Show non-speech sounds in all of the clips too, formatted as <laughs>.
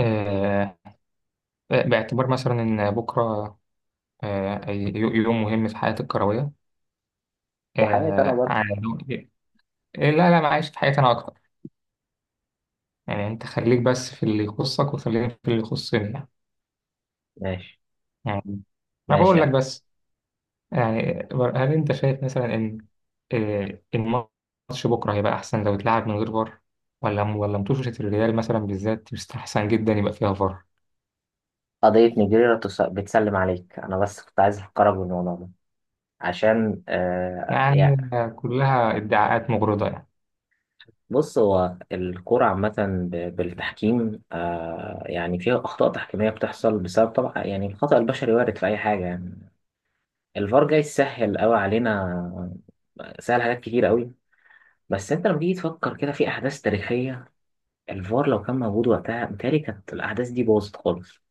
آه، باعتبار مثلا إن بكرة يوم مهم في حياتي الكروية. وحياتي انا آه، برضه. عن- لا لا، أنا عايش في حياتي أنا أكتر. يعني أنت خليك بس في اللي يخصك وخليني في اللي يخصني يعني. ماشي. يعني أنا ماشي بقول لك يعني. بس. يعني هل أنت شايف مثلا إن الماتش بكرة هيبقى أحسن لو اتلعب من غير فار، ولا متوشة الريال مثلا بالذات يستحسن جدا يبقى فيها فار؟ قضية نيجيريا بتسلم عليك، انا بس كنت عايز افكرك بالموضوع ده عشان يعني يعني. كلها ادعاءات مغرضة يعني. بص، هو الكرة عامة بالتحكيم يعني فيها أخطاء تحكيمية بتحصل بسبب طبعا يعني الخطأ البشري، وارد في أي حاجة يعني. الفار جاي يسهل أوي علينا، سهل حاجات كتير أوي. بس أنت لما تيجي تفكر كده في أحداث تاريخية، الفار لو كان موجود وقتها متهيألي كانت الأحداث دي باظت خالص.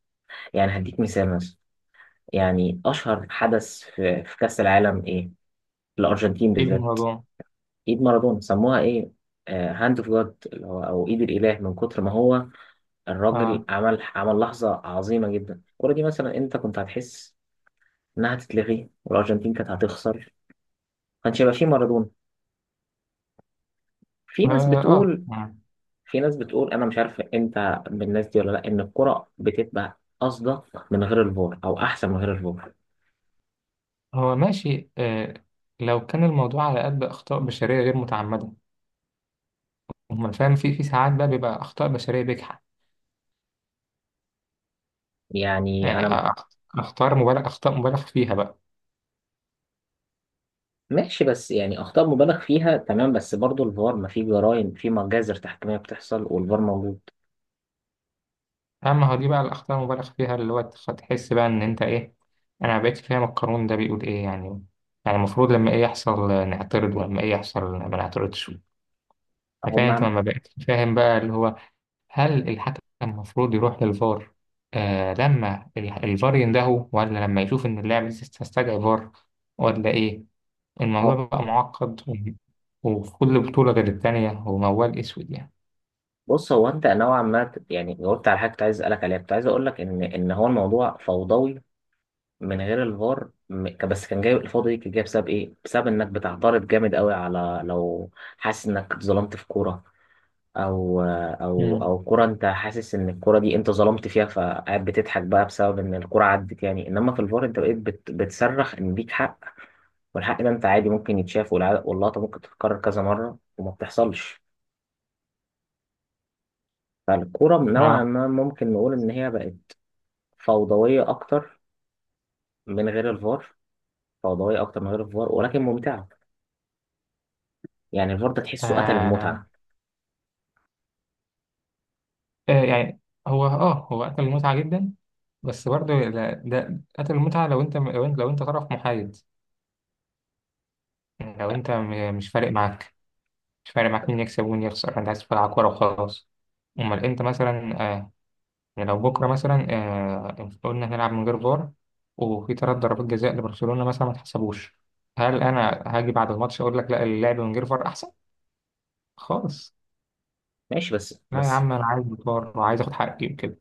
يعني هديك مثال مثلا، يعني أشهر حدث في كأس العالم إيه؟ في الأرجنتين إيه بالذات. الموضوع؟ إيد مارادونا سموها إيه؟ هاند اوف جاد، اللي هو أو إيد الإله. من كتر ما هو الراجل آه، عمل لحظة عظيمة جدا، الكورة دي مثلا أنت كنت هتحس إنها هتتلغي والأرجنتين كانت هتخسر، كانش هيبقى فيه مارادونا. في آه، ناس آه, بتقول، آه. في ناس بتقول، أنا مش عارف أنت من الناس دي ولا لأ، إن الكرة بتبقى أصدق من غير الفار أو أحسن من غير الفار. هو ماشي آه، لو كان الموضوع على قد أخطاء بشرية غير متعمدة. أما فاهم، في ساعات بقى بيبقى أخطاء بشرية بجحة. يعني يعني أنا أخ- أخطاء مبالغ، أخطاء مبالغ فيها بقى. ماشي، بس يعني اخطاء مبالغ فيها تمام، بس برضو الفار، ما في جرائم، في مجازر تحكيميه بتحصل والفار موجود. أما هو دي بقى الأخطاء المبالغ فيها اللي هو تحس بقى إن أنت إيه. أنا ما بقتش فاهم القانون ده بيقول إيه يعني. يعني المفروض لما إيه يحصل نعترض، ولما إيه يحصل ما نعترضش؟ اهو فاهم، أنت مع، ما بقتش فاهم بقى اللي هو، هل الحكم المفروض يروح للفار آه لما الفار يندهه، ولا لما يشوف إن اللاعب لسه استدعى فار، ولا إيه؟ الموضوع اهو، بقى معقد و- وفي كل بطولة غير التانية، هو موال أسود يعني. بص هو انت نوعا ما يعني جاوبت على حاجه كنت عايز اسالك عليها. كنت عايز اقول لك ان هو الموضوع فوضوي من غير الفار بس كان جاي، الفوضى دي كانت جايه بسبب ايه؟ بسبب انك بتعترض جامد قوي على، لو حاسس انك اتظلمت في كوره، او او مم. او كوره انت حاسس ان الكوره دي انت ظلمت فيها، فقاعد بتضحك بقى بسبب ان الكوره عدت يعني، انما في الفار انت بقيت بتصرخ ان ليك حق، والحق ده انت عادي ممكن يتشاف، واللقطه ممكن تتكرر كذا مره وما بتحصلش. فالكوره نوعا آه. ما ممكن نقول ان هي بقت فوضويه اكتر من غير الفار، فوضويه اكتر من غير الفار، ولكن ممتعه. يعني الفار ده تحسه قتل آه. المتعه. آه يعني، هو آه هو قتل المتعة جدا. بس برضه ده قتل المتعة لو أنت طرف محايد. يعني لو أنت مش فارق معاك، مش فارق معاك مين يكسب ومين يخسر، أنت عايز تلعب كورة وخلاص. امال انت مثلا يعني لو بكرة مثلا قلنا هنلعب من غير فار، وفي تلات ضربات جزاء لبرشلونة مثلا ما اتحسبوش، هل أنا هاجي بعد الماتش أقول لك لا، اللعب من غير فار أحسن؟ خالص. ماشي بس لا يا بس عم، أنا عايز فار وعايز آخد حقي وكده.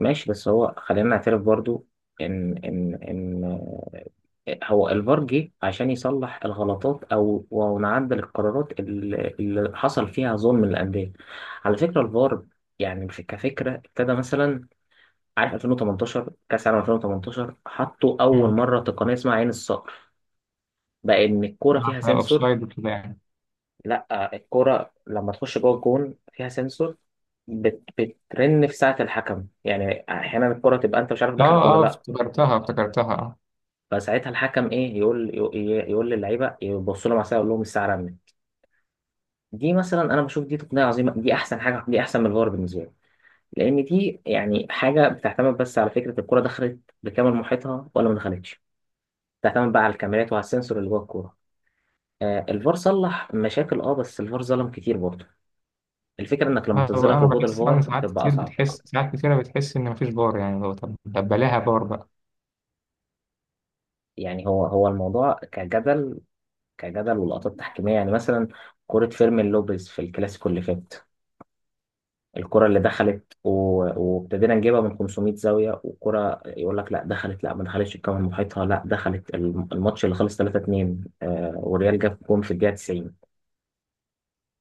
ماشي بس هو خلينا نعترف برضو ان هو الفار جه عشان يصلح الغلطات او ونعدل القرارات اللي حصل فيها ظلم للانديه. على فكره الفار يعني كفكره ابتدى مثلا، عارف 2018، كاس عالم 2018 حطوا اول مم. مره تقنيه اسمها عين الصقر، بقى ان الكوره فيها عشان سنسور. أوفسايد وكده يعني. لا، الكوره لما تخش جوه الجون فيها سنسور، بترن في ساعه الحكم، يعني احيانا الكوره تبقى انت مش عارف آه دخلت ولا آه، لا. افتكرتها افتكرتها. فساعتها الحكم ايه يقول، يقول للعيبه يبصوا لهم على الساعه، يقول لهم الساعه رنت. دي مثلا انا بشوف دي تقنيه عظيمه، دي احسن حاجه، دي احسن من الفار بالنسبه لي. لان دي يعني حاجه بتعتمد بس على فكره الكوره دخلت بكامل محيطها ولا ما دخلتش، تعتمد بقى على الكاميرات وعلى السنسور اللي جوه الكوره. آه، الفار صلح مشاكل، اه، بس الفار ظلم كتير برضه. الفكره انك لما آه، تتظلم في أنا وجود بحس، أنا الفار ساعات تبقى كتير اصعب. بتحس، ساعات كتيرة بتحس إن مفيش فار يعني. لو طب بلاها فار بقى. يعني هو الموضوع كجدل، كجدل ولقطات تحكيميه. يعني مثلا كره فيرمين لوبيز في الكلاسيكو اللي فات، الكره اللي دخلت و- وابتدينا نجيبها من 500 زاويه، والكره يقول لك لا دخلت، لا ما دخلتش الكاميرا محيطها، لا دخلت. الماتش اللي خلص 3 2، آه، والريال جاب جون في الدقيقه 90،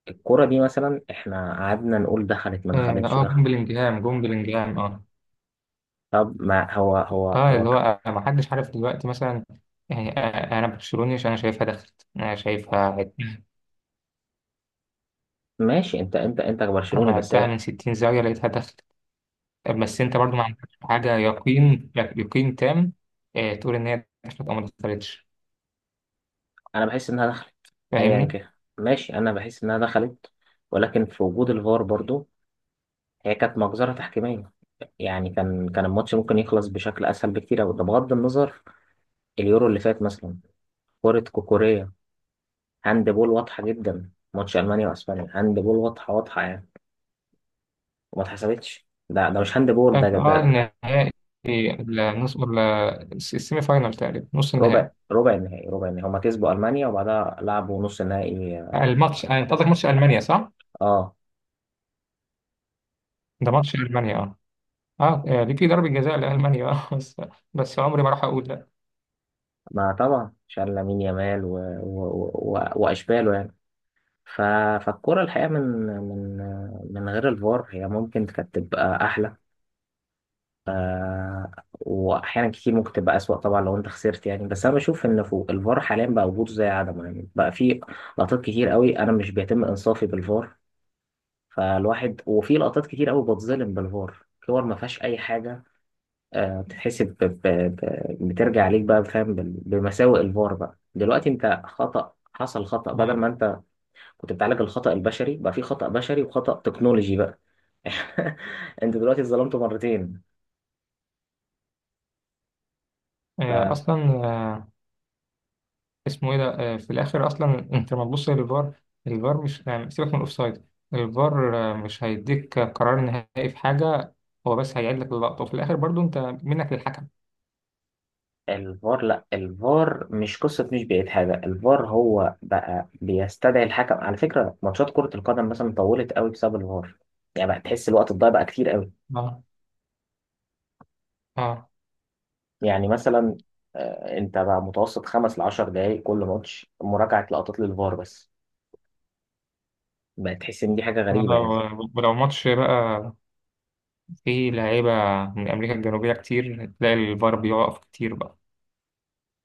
الكرة دي مثلا احنا قعدنا نقول دخلت ما آه دخلتش. جون بلينجهام، جون بلينجهام آه. طب ما هو هو اه هو اللي ك... هو ما حدش عارف دلوقتي مثلا. يعني انا برشلوني عشان انا شايفها دخلت، انا شايفها عدت. ماشي، انت انا برشلوني، بس عدتها من 60 زاويه لقيتها دخلت. بس انت برضو ما عندكش حاجه يقين، يقين تام تقول ان هي دخلت او ما دخلتش. انا بحس انها دخلت ايا فاهمني. كان. ماشي، انا بحس انها دخلت، ولكن في وجود الفار برضو هي كانت مجزرة تحكيمية. يعني كان الماتش ممكن يخلص بشكل اسهل بكتير أوي، ده بغض النظر. اليورو اللي فات مثلا، كرة كوكوريا، هاند بول واضحة جدا، ماتش المانيا واسبانيا، هاند بول واضحة واضحة يعني، وما اتحسبتش. ده مش هاند بول، اه ده ده, ده النهائي، النص ولا السيمي فاينال، تقريبا نص ربع النهائي. ربع النهائي، ربع النهائي هما كسبوا المانيا، وبعدها لعبوا نص النهائي. الماتش انت قصدك ماتش المانيا صح؟ اه، ده ماتش المانيا اه. اه دي في ضربه جزاء لالمانيا اه، بس بس عمري ما راح اقول لا. ما طبعا شال لامين يامال واشباله يعني. ف... فالكرة الحقيقة من من غير الفار هي ممكن كانت تبقى احلى، آه، واحيانا كتير ممكن تبقى اسوأ طبعا لو انت خسرت يعني. بس انا بشوف ان فوق، الفار حاليا بقى وجوده زي عدمه، يعني بقى في لقطات كتير قوي انا مش بيتم انصافي بالفار، فالواحد، وفي لقطات كتير قوي بتظلم بالفار، كور ما فيهاش اي حاجة بتتحسب بترجع عليك بقى فاهم، بمساوئ الفار بقى دلوقتي، انت خطأ، حصل خطأ، بدل آه، ما انت كنت بتعالج الخطأ البشري، بقى في خطأ بشري وخطأ تكنولوجي بقى. <laughs> انت دلوقتي اتظلمت مرتين. اصلا اسمه ايه ده، في الاخر اصلا انت لما تبص للفار، الفار مش يعني سيبك من الاوفسايد، الفار مش هيديك قرار نهائي في حاجه، هو بس هيعيد لك اللقطه، وفي الاخر برضو انت منك للحكم. فالفار لا، الفار مش قصة، مش بقيت حاجة الفار هو بقى بيستدعي الحكم. على فكرة ماتشات كرة القدم مثلا طولت قوي بسبب الفار، يعني بقى تحس الوقت الضايع بقى كتير قوي. اه. اه. يعني مثلا انت بقى متوسط خمس لعشر دقايق كل ماتش مراجعة لقطات للفار بس، بقى تحس ان دي حاجة غريبة ولو يعني. ولو ماتش بقى فيه لعيبه من امريكا الجنوبيه كتير، تلاقي الفار بيقف كتير بقى.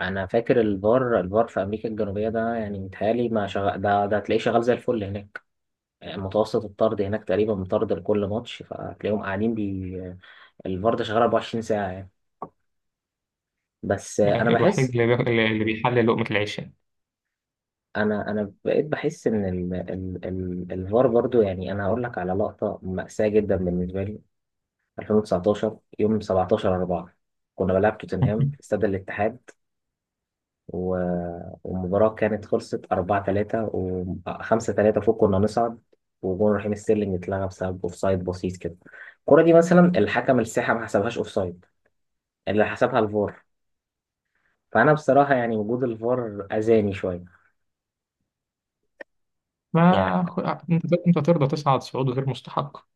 انا فاكر الفار في امريكا الجنوبية ده يعني متهيألي ما شغال، ده هتلاقيه شغال زي الفل هناك. متوسط الطرد هناك تقريبا مطرد لكل ماتش، فهتلاقيهم قاعدين بي، الفار ده شغال 24 ساعة يعني. بس انا الوحيد بحس، اللي اللي بيحلل لقمه العيش يعني. انا بقيت بحس ان ال الفار برضو يعني. انا هقول لك على لقطة مأساة جدا بالنسبة لي، 2019 يوم 17 4 كنا بنلعب توتنهام في <laughs> استاد الاتحاد و... والمباراة كانت خلصت 4 3 و 5 3 فوق، كنا نصعد، وجون رحيم ستيرلينج اتلغى بسبب اوفسايد بسيط كده. الكرة دي مثلا الحكم الساحة ما حسبهاش اوفسايد، اللي حسبها الفار. فأنا بصراحة يعني وجود الفار أذاني شوية. يعني ما خ- آه، انت انت ترضى تصعد صعود غير مستحق؟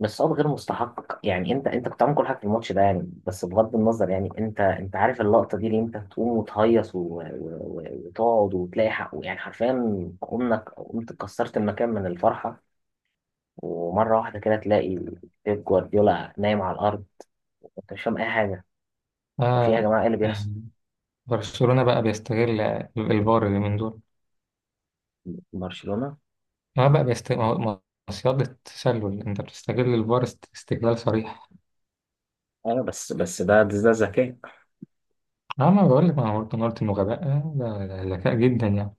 بس صعب غير مستحق يعني، انت انت كنت عامل كل حاجه في الماتش ده يعني، بس بغض النظر يعني. انت انت عارف اللقطه دي اللي انت تقوم وتهيص وتقعد وتلاقي حقه يعني، حرفيا قمنا، قمت كسرت المكان من الفرحه، ومره واحده كده تلاقي بيب جوارديولا نايم على الارض، وانت مش فاهم اي حاجه، وفي يا آه جماعه ايه اللي آه، بيحصل. برشلونه بقى بيستغل الفار اللي من دول. برشلونة، اه بقى بيست... ما هو- ما هو صياغة، تسلل، انت بتستغل الفار استغلال صريح. ايوه، بس ده ذكاء. اه ما بقول لك، ما هو قلت، أنا قلت انه غباء، ده ده ذكاء جدا يعني.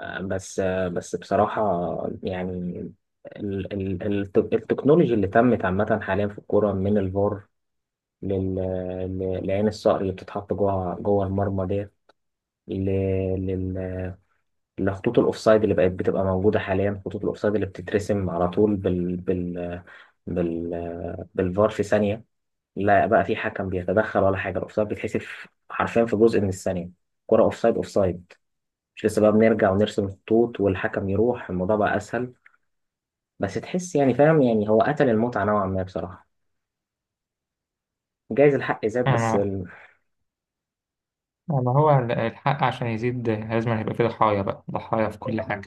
بس بصراحة يعني ال التكنولوجي اللي تمت عامة حاليا في الكورة، من الفار لل... لعين الصقر اللي بتتحط جوه المرمى ديت، ل... لل... لخطوط الاوفسايد اللي بقت بتبقى موجوده حاليا. خطوط الاوفسايد اللي بتترسم على طول بالفار في ثانيه، لا بقى في حكم بيتدخل ولا حاجه، الاوفسايد بيتحسب حرفيا في جزء من الثانيه، كرة اوفسايد اوفسايد، مش لسه بقى بنرجع ونرسم خطوط والحكم يروح، الموضوع بقى اسهل. بس تحس يعني، فاهم يعني، هو قتل المتعه نوعا ما بصراحه، جايز الحق زاد بس. انا، ما هو الحق عشان يزيد لازم هيبقى فيه ضحايا بقى، ضحايا في كل حاجة.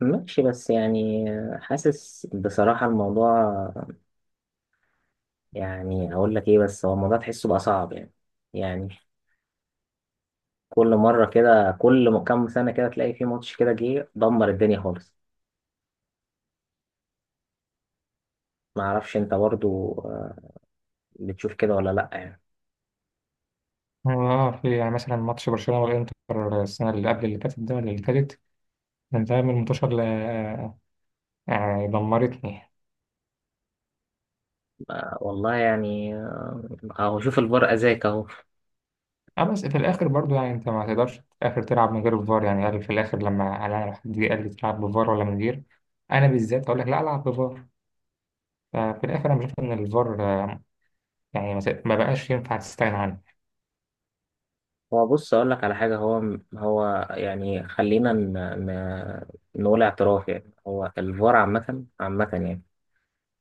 ماشي بس يعني، حاسس بصراحة الموضوع، يعني هقول لك ايه، بس هو الموضوع تحسه بقى صعب يعني. يعني كل مرة كده، كل كام سنة كده تلاقي في ماتش كده جه دمر الدنيا خالص. ما اعرفش انت برضو بتشوف كده ولا لا يعني. اه في يعني مثلا ماتش برشلونة والانتر، السنة اللي قبل اللي فاتت ده ولا اللي فاتت، كان ده من المنتشر اللي يعني دمرتني. والله يعني، اهو شوف الفار اذاك اهو. اه بس في الاخر برضو يعني انت ما تقدرش في الاخر تلعب من غير الفار يعني. قال في الاخر، لما انا حد جه قال لي تلعب بفار ولا من غير، انا بالذات اقول لك لا، العب بفار. ففي الآخر أنا بشوف إن الفار يعني ما بقاش ينفع تستغنى عنه. هو بص اقول لك على حاجة، هو يعني خلينا ن- نقول اعتراف. يعني هو الفار عامة يعني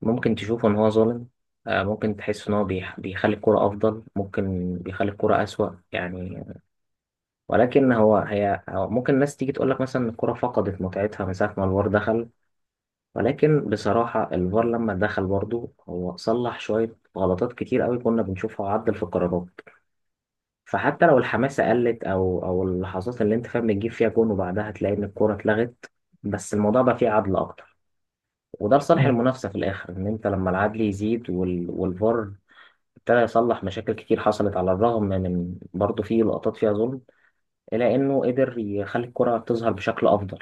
ممكن تشوفه إن هو ظالم، ممكن تحس إن هو بيخلي الكرة أفضل، ممكن بيخلي الكرة أسوأ يعني. ولكن هو ممكن الناس تيجي تقول لك مثلا إن الكرة فقدت متعتها من ساعة ما الفار دخل، ولكن بصراحة الفار لما دخل برضه هو صلح شوية غلطات كتير قوي كنا بنشوفها، وعدل في القرارات. فحتى لو الحماسة قلت، أو اللحظات اللي أنت فاهم بتجيب فيها جون وبعدها تلاقي إن الكرة اتلغت، بس الموضوع بقى فيه عدل أكتر، وده لصالح المنافسة في الآخر، إن أنت لما العدل يزيد والفار ابتدى يصلح مشاكل كتير حصلت، على الرغم من برضه في لقطات فيها ظلم، إلى إنه قدر يخلي الكرة تظهر بشكل أفضل.